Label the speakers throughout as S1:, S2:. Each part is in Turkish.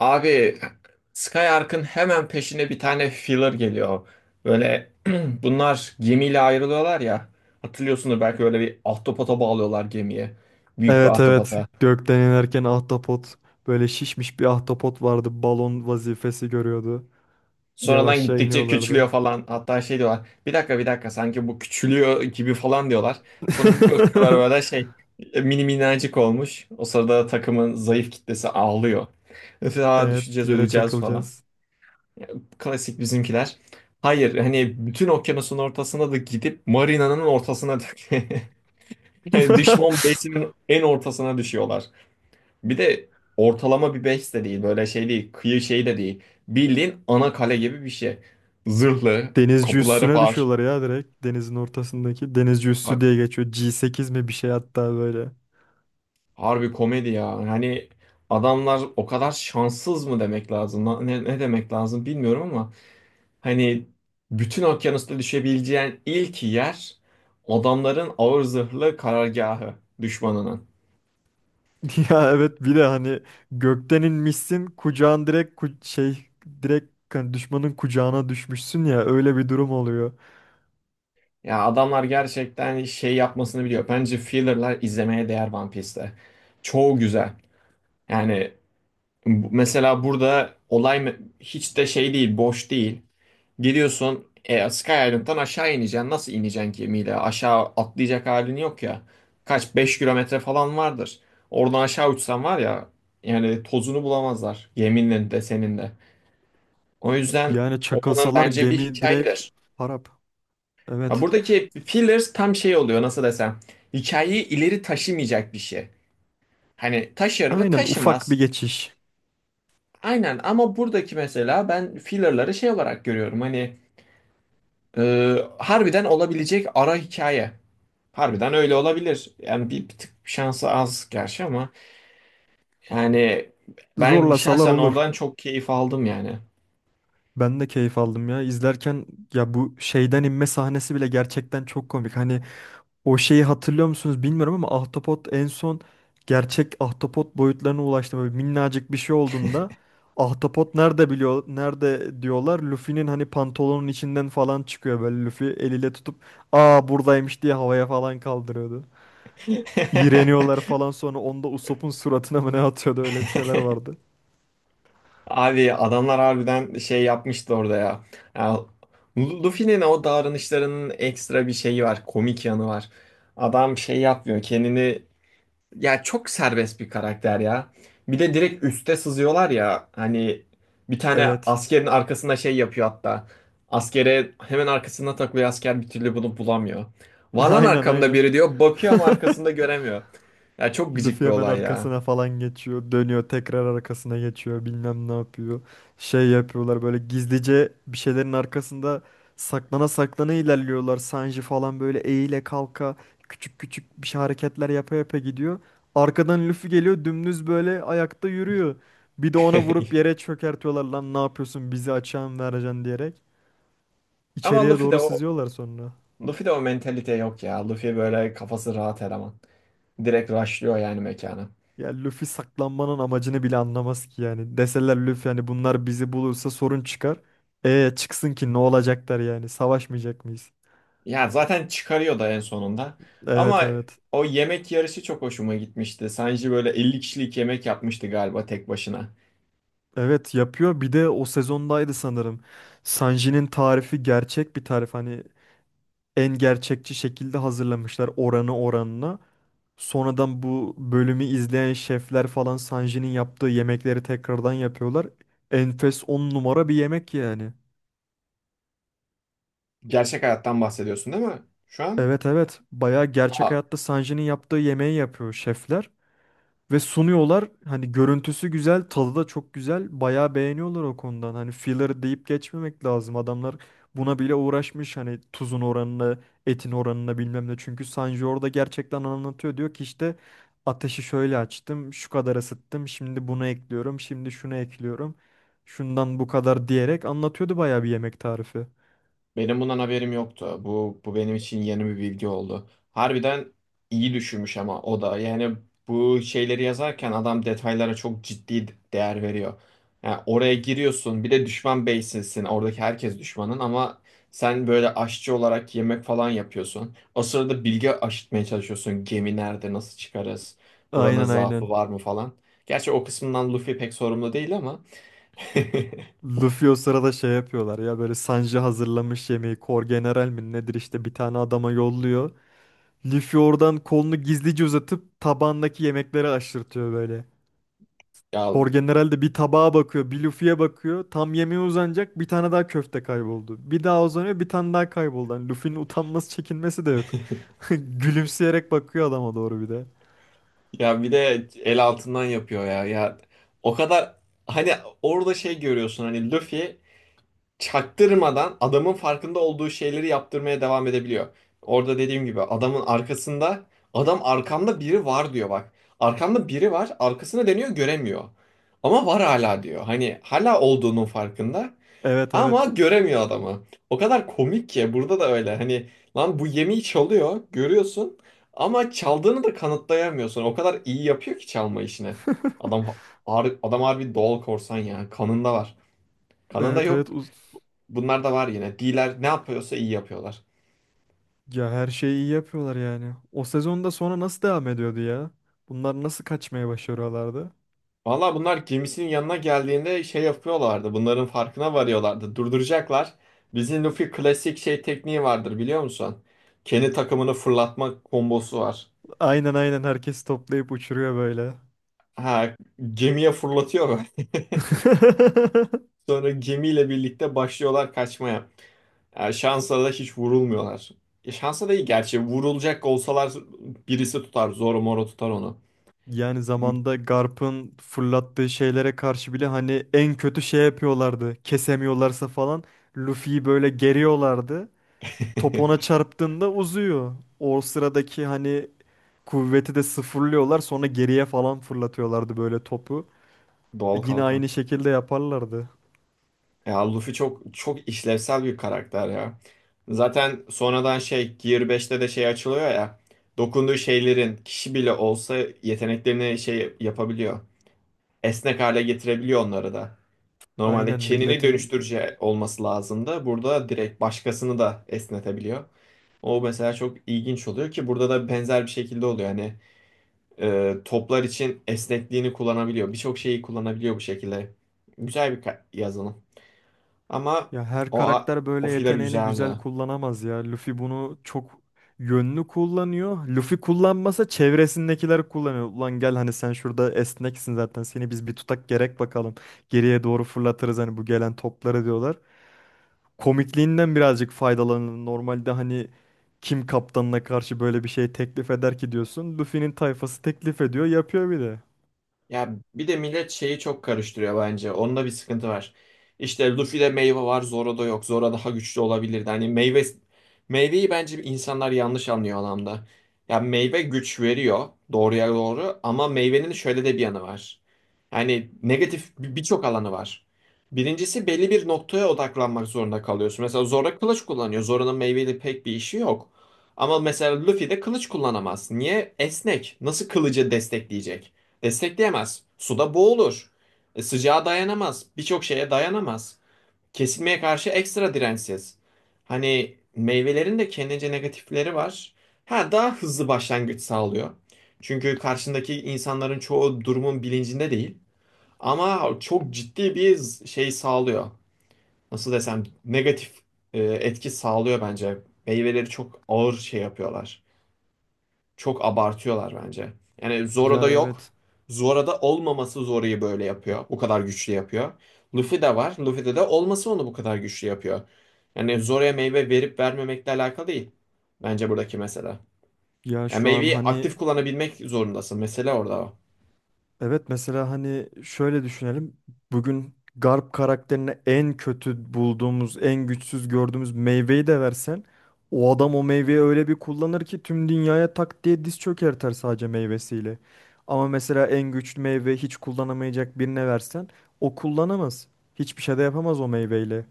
S1: Abi Skyark'ın hemen peşine bir tane filler geliyor. Böyle bunlar gemiyle ayrılıyorlar ya. Hatırlıyorsunuz belki öyle bir ahtapota bağlıyorlar gemiye. Büyük bir
S2: Evet, evet.
S1: ahtapota.
S2: Gökten inerken ahtapot böyle şişmiş bir ahtapot vardı. Balon vazifesi görüyordu.
S1: Sonradan
S2: Yavaşça
S1: gittikçe
S2: iniyorlardı.
S1: küçülüyor falan. Hatta şey diyorlar. Bir dakika, sanki bu küçülüyor gibi falan diyorlar. Sonra bir bakıyorlar böyle şey mini minnacık olmuş. O sırada takımın zayıf kitlesi ağlıyor. Mesela
S2: Evet,
S1: düşeceğiz
S2: yere
S1: öleceğiz falan.
S2: çakılacağız.
S1: Klasik bizimkiler. Hayır hani bütün okyanusun ortasına da gidip marinanın ortasına yani düşman base'inin en ortasına düşüyorlar. Bir de ortalama bir base de değil, böyle şey değil, kıyı şey de değil. Bildiğin ana kale gibi bir şey. Zırhlı
S2: Denizci
S1: kapıları
S2: üssüne
S1: var.
S2: düşüyorlar ya direkt. Denizin ortasındaki denizci üssü
S1: Ha-
S2: diye geçiyor. G8 mi bir şey hatta böyle.
S1: Harbi komedi ya. Hani adamlar o kadar şanssız mı demek lazım? Ne demek lazım bilmiyorum ama hani bütün okyanusta düşebileceğin ilk yer adamların ağır zırhlı karargahı, düşmanının.
S2: Ya evet, bir de hani gökten inmişsin kucağın direkt direkt hani düşmanın kucağına düşmüşsün ya, öyle bir durum oluyor.
S1: Ya adamlar gerçekten şey yapmasını biliyor. Bence filler'lar izlemeye değer One Piece'te. Çoğu güzel. Yani mesela burada olay hiç de şey değil, boş değil. Geliyorsun Sky Island'dan aşağı ineceksin. Nasıl ineceksin gemiyle? Aşağı atlayacak halin yok ya. Kaç 5 kilometre falan vardır. Oradan aşağı uçsan var ya, yani tozunu bulamazlar. Yeminle de senin de. O yüzden
S2: Yani
S1: oradan
S2: çakılsalar
S1: bence bir
S2: gemi direkt
S1: hikayedir.
S2: harap.
S1: Ya
S2: Evet.
S1: buradaki fillers tam şey oluyor, nasıl desem. Hikayeyi ileri taşımayacak bir şey. Hani taşır mı?
S2: Aynen, ufak
S1: Taşımaz.
S2: bir geçiş.
S1: Aynen ama buradaki mesela ben fillerları şey olarak görüyorum. Hani e, harbiden olabilecek ara hikaye. Harbiden öyle olabilir. Yani bir tık şansı az gerçi ama yani ben
S2: Zorlasalar
S1: şahsen
S2: olur.
S1: oradan çok keyif aldım yani.
S2: Ben de keyif aldım ya. İzlerken ya bu şeyden inme sahnesi bile gerçekten çok komik. Hani o şeyi hatırlıyor musunuz bilmiyorum ama ahtapot en son gerçek ahtapot boyutlarına ulaştı. Böyle minnacık bir şey olduğunda ahtapot nerede biliyor, nerede diyorlar. Luffy'nin hani pantolonun içinden falan çıkıyor, böyle Luffy eliyle tutup aa buradaymış diye havaya falan kaldırıyordu. İğreniyorlar falan, sonra onda Usopp'un suratına mı ne atıyordu, öyle bir şeyler vardı.
S1: Abi adamlar harbiden şey yapmıştı orada ya. Ya, Luffy'nin o davranışlarının ekstra bir şeyi var, komik yanı var. Adam şey yapmıyor, kendini, ya çok serbest bir karakter ya. Bir de direkt üste sızıyorlar ya. Hani bir tane
S2: Evet.
S1: askerin arkasında şey yapıyor hatta. Askere hemen arkasında takılıyor, asker bir türlü bunu bulamıyor. Var lan
S2: Aynen,
S1: arkamda
S2: aynen.
S1: biri diyor. Bakıyor ama arkasında göremiyor. Ya çok gıcık
S2: Luffy
S1: bir
S2: hemen
S1: olay ya.
S2: arkasına falan geçiyor. Dönüyor tekrar arkasına geçiyor. Bilmem ne yapıyor. Şey yapıyorlar böyle, gizlice bir şeylerin arkasında saklana saklana ilerliyorlar. Sanji falan böyle eğile kalka küçük küçük bir şey hareketler yapa yapa gidiyor. Arkadan Luffy geliyor, dümdüz böyle ayakta yürüyor. Bir de ona vurup yere çökertiyorlar, lan ne yapıyorsun bizi açığa mı vereceksin diyerek.
S1: Ama
S2: İçeriye
S1: Luffy de
S2: doğru
S1: o
S2: sızıyorlar sonra.
S1: Luffy de o mentalite yok ya. Luffy böyle kafası rahat eleman. Direkt rushlıyor yani mekana.
S2: Ya Luffy saklanmanın amacını bile anlamaz ki yani. Deseler Luffy hani bunlar bizi bulursa sorun çıkar. E çıksın, ki ne olacaklar yani? Savaşmayacak mıyız?
S1: Ya zaten çıkarıyor da en sonunda.
S2: Evet,
S1: Ama
S2: evet.
S1: o yemek yarışı çok hoşuma gitmişti. Sanji böyle 50 kişilik yemek yapmıştı galiba tek başına.
S2: Evet, yapıyor. Bir de o sezondaydı sanırım. Sanji'nin tarifi gerçek bir tarif. Hani en gerçekçi şekilde hazırlamışlar, oranı oranına. Sonradan bu bölümü izleyen şefler falan Sanji'nin yaptığı yemekleri tekrardan yapıyorlar. Enfes, 10 numara bir yemek yani.
S1: Gerçek hayattan bahsediyorsun değil mi? Şu an?
S2: Evet, evet. Bayağı gerçek
S1: Aa,
S2: hayatta Sanji'nin yaptığı yemeği yapıyor şefler ve sunuyorlar. Hani görüntüsü güzel, tadı da çok güzel. Bayağı beğeniyorlar o konudan. Hani filler deyip geçmemek lazım. Adamlar buna bile uğraşmış, hani tuzun oranına, etin oranına bilmem ne. Çünkü Sanji orada gerçekten anlatıyor. Diyor ki işte ateşi şöyle açtım, şu kadar ısıttım, şimdi bunu ekliyorum, şimdi şunu ekliyorum. Şundan bu kadar diyerek anlatıyordu bayağı bir yemek tarifi.
S1: benim bundan haberim yoktu. Bu benim için yeni bir bilgi oldu. Harbiden iyi düşünmüş ama o da yani bu şeyleri yazarken adam detaylara çok ciddi değer veriyor. Yani oraya giriyorsun bir de düşman base'sin. Oradaki herkes düşmanın ama sen böyle aşçı olarak yemek falan yapıyorsun. O sırada bilgi aşıtmaya çalışıyorsun. Gemi nerede, nasıl çıkarız? Buranın
S2: Aynen,
S1: zaafı
S2: aynen.
S1: var mı falan. Gerçi o kısmından Luffy pek sorumlu değil ama.
S2: Luffy o sırada şey yapıyorlar ya, böyle Sanji hazırlamış yemeği, Kor General mi nedir işte bir tane adama yolluyor. Luffy oradan kolunu gizlice uzatıp tabağındaki yemekleri aşırtıyor böyle.
S1: Ya,
S2: Kor General de bir tabağa bakıyor bir Luffy'ye bakıyor, tam yemeğe uzanacak bir tane daha köfte kayboldu. Bir daha uzanıyor bir tane daha kayboldu. Yani Luffy'nin utanması çekinmesi de yok. Gülümseyerek bakıyor adama doğru bir de.
S1: ya bir de el altından yapıyor ya. Ya o kadar, hani orada şey görüyorsun hani Luffy çaktırmadan adamın farkında olduğu şeyleri yaptırmaya devam edebiliyor. Orada dediğim gibi adamın arkasında adam arkamda biri var diyor bak. Arkamda biri var, arkasına dönüyor göremiyor. Ama var hala diyor. Hani hala olduğunun farkında.
S2: Evet,
S1: Ama
S2: evet.
S1: göremiyor adamı. O kadar komik ki burada da öyle. Hani lan bu yemeği çalıyor, görüyorsun ama çaldığını da kanıtlayamıyorsun. O kadar iyi yapıyor ki çalma işini. Adam adam harbi doğal korsan ya. Kanında var. Kanında
S2: Evet,
S1: yok.
S2: evet.
S1: Bunlar da var yine. D'ler ne yapıyorsa iyi yapıyorlar.
S2: Ya her şeyi iyi yapıyorlar yani. O sezonda sonra nasıl devam ediyordu ya? Bunlar nasıl kaçmaya başarıyorlardı?
S1: Valla bunlar gemisinin yanına geldiğinde şey yapıyorlardı. Bunların farkına varıyorlardı. Durduracaklar. Bizim Luffy klasik şey tekniği vardır biliyor musun? Kendi takımını fırlatma kombosu var.
S2: Aynen, aynen, herkes toplayıp uçuruyor böyle.
S1: Ha, gemiye fırlatıyor. Sonra gemiyle birlikte başlıyorlar kaçmaya. Yani şansa da hiç vurulmuyorlar. Şansa da iyi gerçi. Vurulacak olsalar birisi tutar. Zoro Moro tutar onu.
S2: Yani zamanda Garp'ın fırlattığı şeylere karşı bile hani en kötü şey yapıyorlardı. Kesemiyorlarsa falan Luffy'yi böyle geriyorlardı. Top ona çarptığında uzuyor. O sıradaki hani kuvveti de sıfırlıyorlar, sonra geriye falan fırlatıyorlardı böyle topu.
S1: Doğal
S2: Yine
S1: kalkan.
S2: aynı şekilde yaparlardı.
S1: Ya Luffy çok işlevsel bir karakter ya. Zaten sonradan şey Gear 5'te de şey açılıyor ya. Dokunduğu şeylerin kişi bile olsa yeteneklerini şey yapabiliyor. Esnek hale getirebiliyor onları da. Normalde
S2: Aynen
S1: kendini
S2: milletin,
S1: dönüştürücü olması lazım da burada direkt başkasını da esnetebiliyor. O mesela çok ilginç oluyor ki burada da benzer bir şekilde oluyor. Hani toplar için esnekliğini kullanabiliyor. Birçok şeyi kullanabiliyor bu şekilde. Güzel bir yazılım. Ama
S2: ya her karakter
S1: o
S2: böyle
S1: filler
S2: yeteneğini güzel
S1: güzeldi.
S2: kullanamaz ya. Luffy bunu çok yönlü kullanıyor. Luffy kullanmasa çevresindekiler kullanıyor. Ulan gel hani sen şurada esneksin zaten. Seni biz bir tutak gerek bakalım. Geriye doğru fırlatırız hani bu gelen topları diyorlar. Komikliğinden birazcık faydalanın. Normalde hani kim kaptanına karşı böyle bir şey teklif eder ki diyorsun. Luffy'nin tayfası teklif ediyor, yapıyor bir de.
S1: Ya bir de millet şeyi çok karıştırıyor bence. Onda bir sıkıntı var. İşte Luffy'de meyve var, Zoro'da yok. Zoro daha güçlü olabilirdi. Hani meyveyi bence insanlar yanlış anlıyor anlamda. Ya meyve güç veriyor doğruya doğru ama meyvenin şöyle de bir yanı var. Yani birçok alanı var. Birincisi belli bir noktaya odaklanmak zorunda kalıyorsun. Mesela Zoro kılıç kullanıyor. Zoro'nun meyveyle pek bir işi yok. Ama mesela Luffy de kılıç kullanamaz. Niye? Esnek. Nasıl kılıcı destekleyecek? Destekleyemez. Suda boğulur. Sıcağa dayanamaz. Birçok şeye dayanamaz. Kesilmeye karşı ekstra dirençsiz. Hani meyvelerin de kendince negatifleri var. Ha daha hızlı başlangıç sağlıyor. Çünkü karşındaki insanların çoğu durumun bilincinde değil. Ama çok ciddi bir şey sağlıyor. Nasıl desem negatif etki sağlıyor bence. Meyveleri çok ağır şey yapıyorlar. Çok abartıyorlar bence. Yani Zoro'da
S2: Ya
S1: yok.
S2: evet.
S1: Zoro'da olmaması Zoro'yu böyle yapıyor. Bu kadar güçlü yapıyor. Luffy'de var. Luffy'de de olması onu bu kadar güçlü yapıyor. Yani Zoro'ya meyve verip vermemekle alakalı değil. Bence buradaki mesele.
S2: Ya
S1: Yani
S2: şu an
S1: meyveyi
S2: hani
S1: aktif kullanabilmek zorundasın. Mesele orada o.
S2: evet, mesela hani şöyle düşünelim. Bugün Garp karakterine en kötü bulduğumuz, en güçsüz gördüğümüz meyveyi de versen o adam o meyveyi öyle bir kullanır ki tüm dünyaya tak diye diz çökertir sadece meyvesiyle. Ama mesela en güçlü meyve hiç kullanamayacak birine versen o kullanamaz. Hiçbir şey de yapamaz o meyveyle.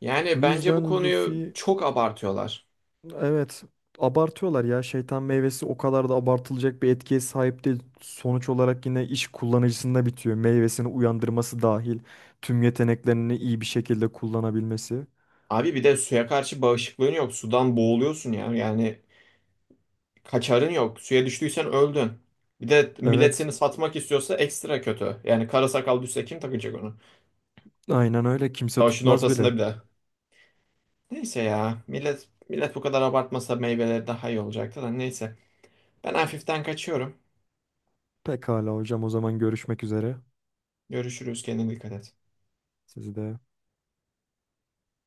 S1: Yani
S2: Bu
S1: bence bu
S2: yüzden
S1: konuyu
S2: Luffy
S1: çok abartıyorlar.
S2: evet, abartıyorlar ya. Şeytan meyvesi o kadar da abartılacak bir etkiye sahip değil. Sonuç olarak yine iş kullanıcısında bitiyor. Meyvesini uyandırması dahil tüm yeteneklerini iyi bir şekilde kullanabilmesi.
S1: Abi bir de suya karşı bağışıklığın yok. Sudan boğuluyorsun ya. Yani kaçarın yok. Suya düştüysen öldün. Bir de millet
S2: Evet,
S1: seni satmak istiyorsa ekstra kötü. Yani kara sakal düşse kim takacak onu?
S2: aynen öyle. Kimse
S1: Savaşın
S2: tutmaz bile.
S1: ortasında bir de. Neyse ya. Millet bu kadar abartmasa meyveleri daha iyi olacaktı da neyse. Ben hafiften kaçıyorum.
S2: Pekala hocam, o zaman görüşmek üzere.
S1: Görüşürüz. Kendine dikkat et.
S2: Sizi de